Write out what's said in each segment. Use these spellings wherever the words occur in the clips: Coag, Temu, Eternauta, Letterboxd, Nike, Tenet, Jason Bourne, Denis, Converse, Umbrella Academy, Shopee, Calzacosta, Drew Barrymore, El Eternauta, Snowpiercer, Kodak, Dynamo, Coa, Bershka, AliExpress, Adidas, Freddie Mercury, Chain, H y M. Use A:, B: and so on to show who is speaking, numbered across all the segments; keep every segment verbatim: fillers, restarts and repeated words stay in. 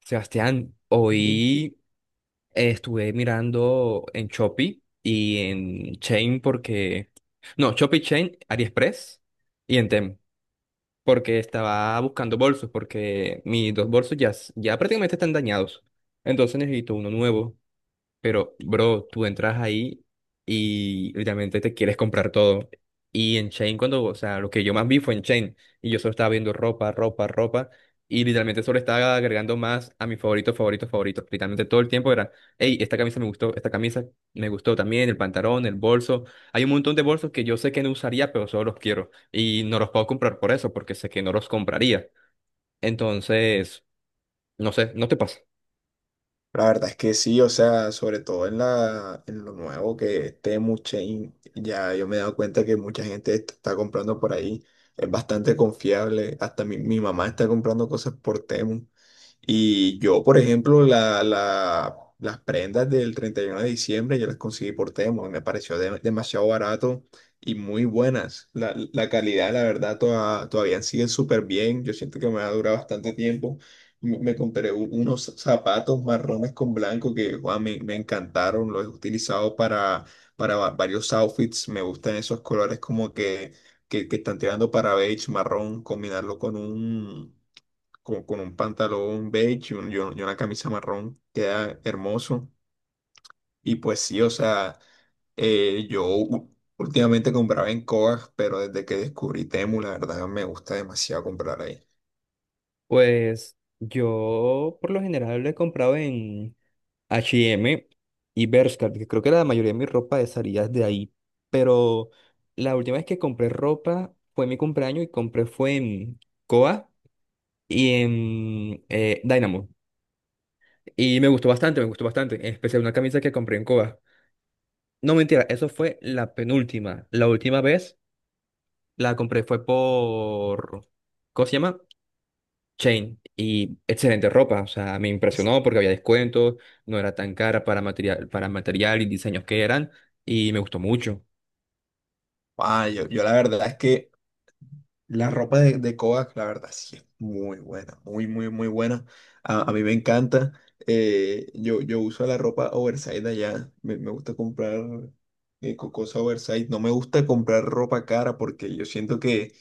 A: Sebastián,
B: Bien.
A: hoy eh, estuve mirando en Shopee y en Chain porque... No, Shopee, Chain, AliExpress y en Temu porque estaba buscando bolsos porque mis dos bolsos ya, s- ya prácticamente están dañados. Entonces necesito uno nuevo. Pero, bro, tú entras ahí y literalmente te quieres comprar todo. Y en Chain, cuando, o sea, lo que yo más vi fue en Chain. Y yo solo estaba viendo ropa, ropa, ropa. Y literalmente solo estaba agregando más a mis favoritos, favoritos, favoritos. Literalmente todo el tiempo era, hey, esta camisa me gustó, esta camisa me gustó también, el pantalón, el bolso. Hay un montón de bolsos que yo sé que no usaría, pero solo los quiero. Y no los puedo comprar por eso, porque sé que no los compraría. Entonces, no sé, ¿no te pasa?
B: La verdad es que sí, o sea, sobre todo en la, en lo nuevo que es Temu Chain, ya yo me he dado cuenta que mucha gente est- está comprando por ahí, es bastante confiable, hasta mi, mi mamá está comprando cosas por Temu. Y yo, por ejemplo, la, la- las prendas del treinta y uno de diciembre yo las conseguí por Temo y me pareció de- demasiado barato y muy buenas. La, la calidad, la verdad, toda- todavía sigue súper bien. Yo siento que me ha durado bastante tiempo. Me, me compré u- unos zapatos marrones con blanco que guau, me, me encantaron. Los he utilizado para, para va- varios outfits. Me gustan esos colores como que, que, que están tirando para beige, marrón, combinarlo con un como con un pantalón beige y, un- y un- y una camisa marrón, queda hermoso. Y pues sí, o sea, eh, yo u- últimamente compraba en Coag, pero desde que descubrí Temu, la verdad me gusta demasiado comprar ahí.
A: Pues yo por lo general lo he comprado en H y M y Bershka, que creo que la mayoría de mi ropa salía de ahí. Pero la última vez que compré ropa fue mi cumpleaños y compré fue en Coa y en eh, Dynamo. Y me gustó bastante, me gustó bastante, en especial una camisa que compré en Coa. No mentira, eso fue la penúltima. La última vez la compré fue por... ¿Cómo se llama? Chain y excelente ropa, o sea, me impresionó porque había descuentos, no era tan cara para material, para material y diseños que eran y me gustó mucho.
B: Ah, yo, yo la verdad es que la ropa de, de Kodak, la verdad, sí es muy buena, muy, muy, muy buena. A, a mí me encanta. Eh, yo, yo uso la ropa oversize de allá. Me, me gusta comprar eh, co- cosa oversize. No me gusta comprar ropa cara porque yo siento que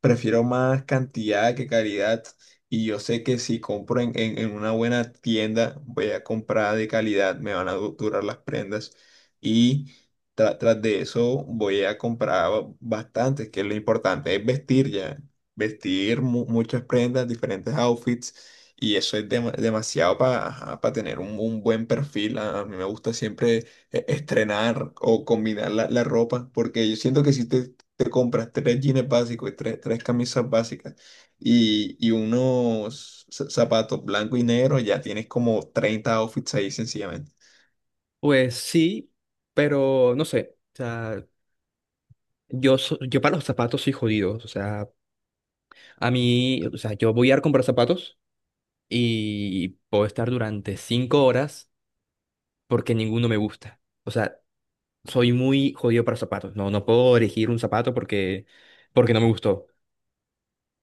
B: prefiero más cantidad que calidad. Y yo sé que si compro en, en, en una buena tienda, voy a comprar de calidad, me van a du- durar las prendas. y Tra- tras de eso voy a comprar ba- bastantes, que es lo importante, es vestir ya, vestir mu- muchas prendas, diferentes outfits, y eso es dema- demasiado para tener un, un buen perfil. A, a mí me gusta siempre eh, estrenar o combinar la, la ropa, porque yo siento que si te, te compras tres jeans básicos y tres, tres camisas básicas y, y unos za- zapatos blanco y negro, ya tienes como treinta outfits ahí sencillamente.
A: Pues sí, pero no sé, o sea, yo, so- yo para los zapatos soy jodido, o sea, a mí, o sea, yo voy a ir a comprar zapatos y puedo estar durante cinco horas porque ninguno me gusta, o sea, soy muy jodido para zapatos, no, no puedo elegir un zapato porque, porque no me gustó.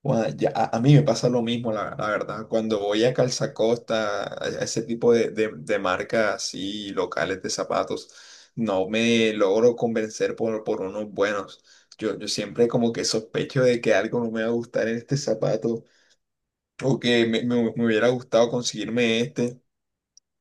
B: Guau, ya, a, a mí me pasa lo mismo, la, la verdad. Cuando voy a Calzacosta, a, a ese tipo de, de, de marcas así locales de zapatos, no me logro convencer por, por unos buenos. Yo, yo siempre como que sospecho de que algo no me va a gustar en este zapato o que me, me- me hubiera gustado conseguirme este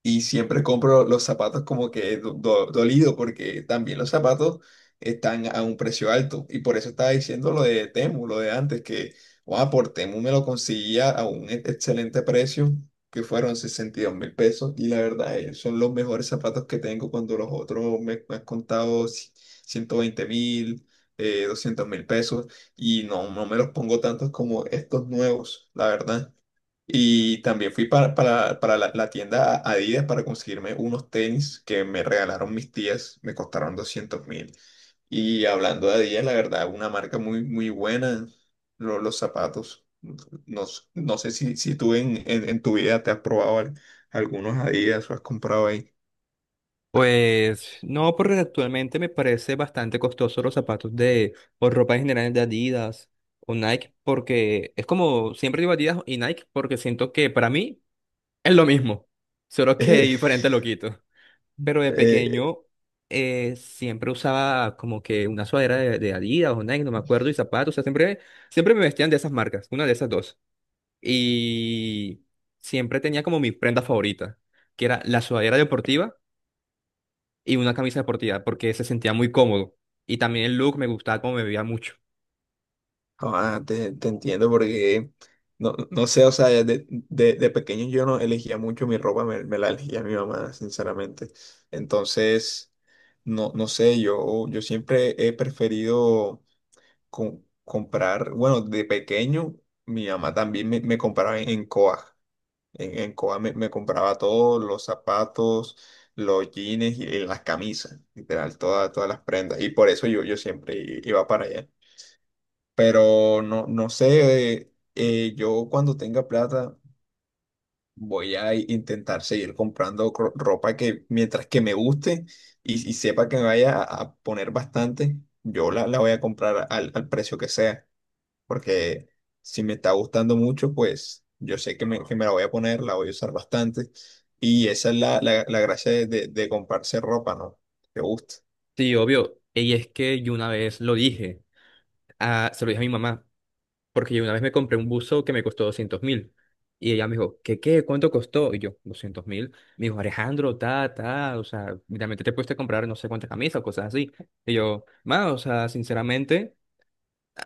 B: y siempre compro los zapatos como que do- do- dolido porque también los zapatos están a un precio alto y por eso estaba diciendo lo de Temu, lo de antes que guau, por Temu me lo conseguía a un e- excelente precio que fueron 62 mil pesos y la verdad eh, son los mejores zapatos que tengo cuando los otros me, me han contado ci- 120 mil. eh, 200 mil pesos y no, no me los pongo tantos como estos nuevos, la verdad. Y también fui para, para, para la, la tienda Adidas para conseguirme unos tenis que me regalaron mis tías, me costaron doscientos mil. Y hablando de Adidas, la verdad, una marca muy, muy buena, lo- los zapatos. No, s- no sé si, si tú en, en, en tu vida te has probado al- algunos Adidas o has comprado ahí.
A: Pues no, porque actualmente me parece bastante costoso los zapatos de, o ropa en general de Adidas o Nike, porque es como siempre digo Adidas y Nike, porque siento que para mí es lo mismo, solo que diferente lo quito. Pero de
B: Eh,
A: pequeño eh, siempre usaba como que una sudadera de, de Adidas o Nike, no me acuerdo, y zapatos, o sea, siempre, siempre me vestían de esas marcas, una de esas dos. Y siempre tenía como mi prenda favorita, que era la sudadera deportiva y una camisa deportiva porque se sentía muy cómodo. Y también el look me gustaba como me veía mucho.
B: No, ah, te, te entiendo porque no, no sé, o sea, de, de, de pequeño yo no elegía mucho mi ropa, me, me la elegía mi mamá, sinceramente. Entonces, no, no sé, yo, yo siempre he preferido com- comprar, bueno, de pequeño mi mamá también me, me compraba en, en Coag. En, en Coa me, me compraba todos los zapatos, los jeans y, y las camisas, literal, todas, todas las prendas. Y por eso yo, yo siempre i- iba para allá. Pero no, no sé, eh, yo cuando tenga plata voy a intentar seguir comprando cro- ropa que mientras que me guste y, y sepa que me vaya a a poner bastante, yo la, la voy a comprar al, al precio que sea, porque si me está gustando mucho, pues yo sé que me, que me la voy a poner, la voy a usar bastante y esa es la, la, la gracia de, de, de comprarse ropa, ¿no? Que te gusta.
A: Sí, obvio. Y es que yo una vez lo dije, ah, se lo dije a mi mamá, porque yo una vez me compré un buzo que me costó doscientos mil. Y ella me dijo, ¿qué qué? ¿Cuánto costó? Y yo, doscientos mil. Me dijo, Alejandro, ta, ta, o sea, realmente te puedes comprar no sé cuántas camisas o cosas así. Y yo, ma, o sea, sinceramente.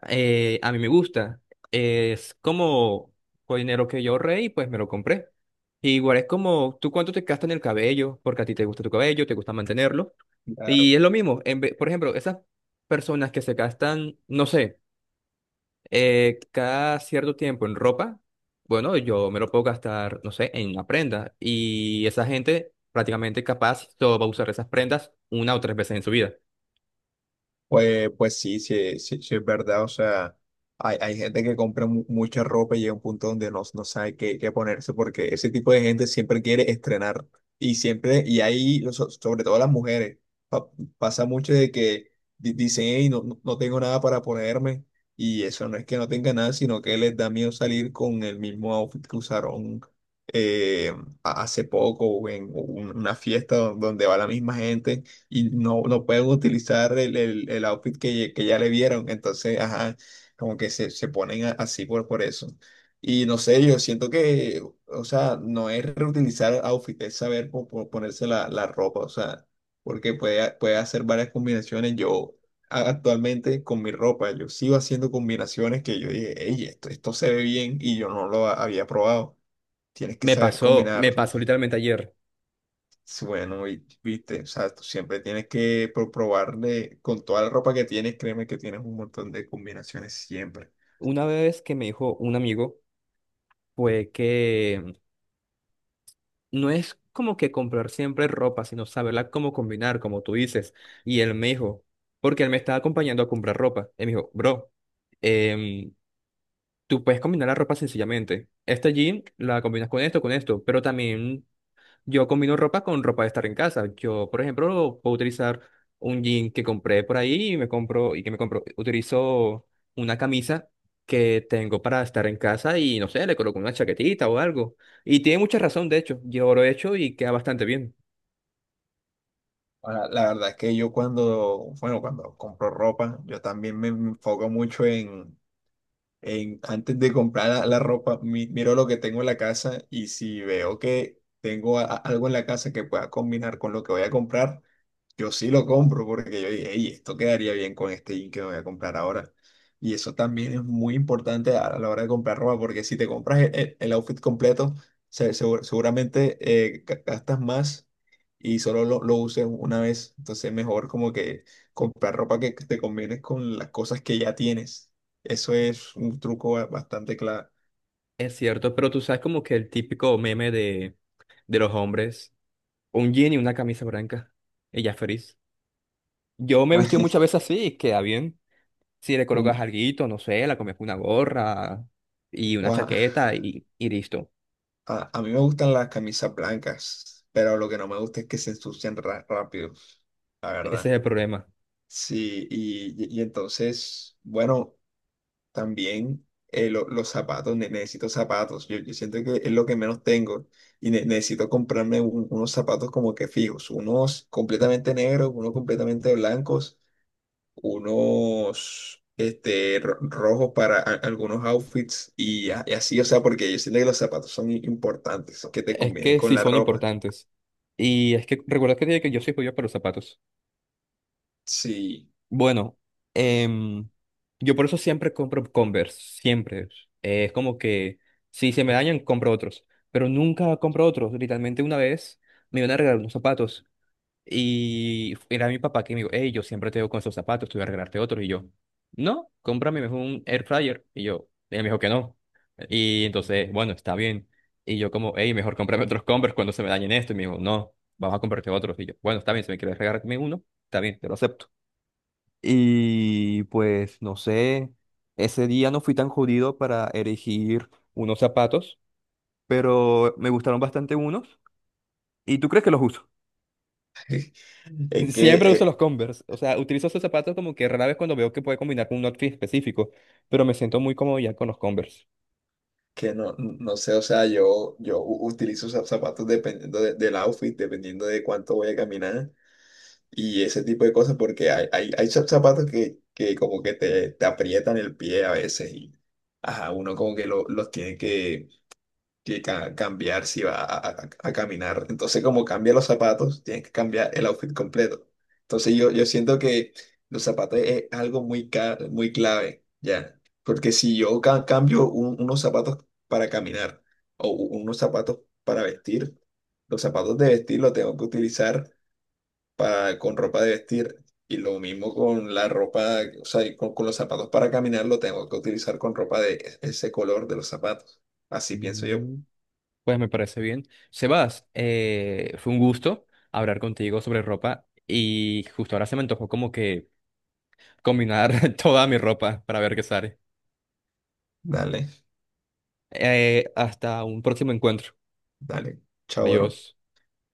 A: Eh, a mí me gusta. Es como fue dinero que yo ahorré y pues me lo compré. Igual es como, ¿tú cuánto te gastas en el cabello? Porque a ti te gusta tu cabello, te gusta mantenerlo. Y es lo mismo. En ve- por ejemplo, esas personas que se gastan, no sé, eh, cada cierto tiempo en ropa, bueno, yo me lo puedo gastar, no sé, en una prenda. Y esa gente prácticamente capaz solo va a usar esas prendas una o tres veces en su vida.
B: Pues, pues sí, sí, sí, sí es verdad. O sea, hay, hay gente que compra mu- mucha ropa y llega a un punto donde no, no sabe qué, qué ponerse porque ese tipo de gente siempre quiere estrenar. Y siempre, y ahí, so- sobre todo las mujeres, pa- pasa mucho de que di- dicen, hey, no, no no tengo nada para ponerme. Y eso no es que no tenga nada, sino que les da miedo salir con el mismo outfit que usaron eh, a- hace poco o en una fiesta donde va la misma gente y no, no pueden utilizar el, el, el outfit que, que ya le vieron. Entonces, ajá, como que se, se ponen a- así por, por eso. Y no sé, yo siento que, o sea, no es reutilizar outfit, es saber po- po- ponerse la, la ropa, o sea, porque puede, puede hacer varias combinaciones. Yo a- actualmente con mi ropa, yo sigo haciendo combinaciones que yo dije, hey, esto, esto se ve bien y yo no lo había probado. Tienes que
A: Me
B: saber
A: pasó, me
B: combinar.
A: pasó literalmente ayer.
B: Sí, bueno, y, viste, o sea, tú siempre tienes que pro- probarle con toda la ropa que tienes, créeme que tienes un montón de combinaciones siempre.
A: Una vez que me dijo un amigo, fue que no es como que comprar siempre ropa, sino saberla cómo combinar, como tú dices. Y él me dijo, porque él me estaba acompañando a comprar ropa. Él me dijo, bro, em, tú puedes combinar la ropa sencillamente. Esta jean la combinas con esto, con esto, pero también yo combino ropa con ropa de estar en casa. Yo, por ejemplo, puedo utilizar un jean que compré por ahí y me compro, y que me compro, utilizo una camisa que tengo para estar en casa y no sé, le coloco una chaquetita o algo. Y tiene mucha razón, de hecho. Yo lo he hecho y queda bastante bien.
B: Ahora, la verdad es que yo cuando, bueno, cuando compro ropa, yo también me enfoco mucho en, en- antes de comprar la, la ropa, mi- miro lo que tengo en la casa y si veo que tengo a- a- algo en la casa que pueda combinar con lo que voy a comprar, yo sí lo compro porque yo dije, hey, esto quedaría bien con este jean que me voy a comprar ahora. Y eso también es muy importante a a la hora de comprar ropa, porque si te compras el, el- el outfit completo, se- segu- seguramente eh, ga- gastas más y solo lo, lo uses una vez. Entonces es mejor como que comprar ropa que que te combines con las cosas que ya tienes. Eso es un truco ba- bastante claro.
A: Es cierto, pero tú sabes como que el típico meme de, de los hombres, un jean y una camisa blanca. Ella es feliz. Yo me he vestido muchas veces así y queda bien. Si le colocas
B: Un,
A: alguito, no sé, la comes con una gorra y una
B: ua-
A: chaqueta y, y listo.
B: a a mí me gustan las camisas blancas, pero lo que no me gusta es que se ensucian ra- rápido, la
A: Ese es
B: verdad.
A: el problema.
B: Sí, y, y- y entonces, bueno, también eh, lo- los zapatos, ne- necesito zapatos. Yo, yo siento que es lo que menos tengo y ne- necesito comprarme un- unos zapatos como que fijos, unos completamente negros, unos completamente blancos unos este, ro- rojos para a- algunos outfits y, a- y así, o sea, porque yo siento que los zapatos son i- importantes, que te
A: Es
B: combinen
A: que
B: con
A: sí
B: la
A: son
B: ropa.
A: importantes. Y es que recuerda que te dije que yo soy pollo para los zapatos.
B: Sí,
A: Bueno, em, yo por eso siempre compro Converse, siempre. Eh, es como que si se me dañan, compro otros. Pero nunca compro otros. Literalmente una vez me iban a regalar unos zapatos. Y era mi papá que me dijo, hey, yo siempre te veo con esos zapatos, te voy a regalarte otros. Y yo, no, cómprame mejor un air fryer. Y yo, él me dijo que no. Y entonces, bueno, está bien. Y yo como, hey, mejor cómprame otros Converse cuando se me dañen esto. Y me dijo, no, vamos a comprarte otros. Y yo, bueno, está bien, si me quieres regalarme uno, está bien, te lo acepto. Y pues, no sé, ese día no fui tan jodido para elegir unos zapatos, pero me gustaron bastante unos. ¿Y tú crees que los uso?
B: es que,
A: Siempre uso
B: eh,
A: los Converse. O sea, utilizo esos zapatos como que rara vez cuando veo que puede combinar con un outfit específico, pero me siento muy cómodo ya con los Converse.
B: que no, no sé, o sea, yo, yo u- utilizo za- zapatos dependiendo de- del outfit, dependiendo de cuánto voy a caminar y ese tipo de cosas, porque hay, hay, hay za- zapatos que, que como que te, te aprietan el pie a veces y, ajá, uno como que lo- los tiene que que ca- cambiar si va a, a- a caminar. Entonces, como cambia los zapatos, tiene que cambiar el outfit completo. Entonces, yo, yo siento que los zapatos es algo muy, ca- muy clave, ¿ya? Porque si yo ca- cambio un- unos zapatos para caminar o u- unos zapatos para vestir, los zapatos de vestir los tengo que utilizar para, con ropa de vestir. Y lo mismo con la ropa, o sea, y con, con los zapatos para caminar, lo tengo que utilizar con ropa de e- ese color de los zapatos. Así pienso yo.
A: Mm. Pues me parece bien. Sebas, eh, fue un gusto hablar contigo sobre ropa y justo ahora se me antojó como que combinar toda mi ropa para ver qué sale.
B: Dale,
A: Eh, hasta un próximo encuentro.
B: dale. Chao, bro.
A: Adiós.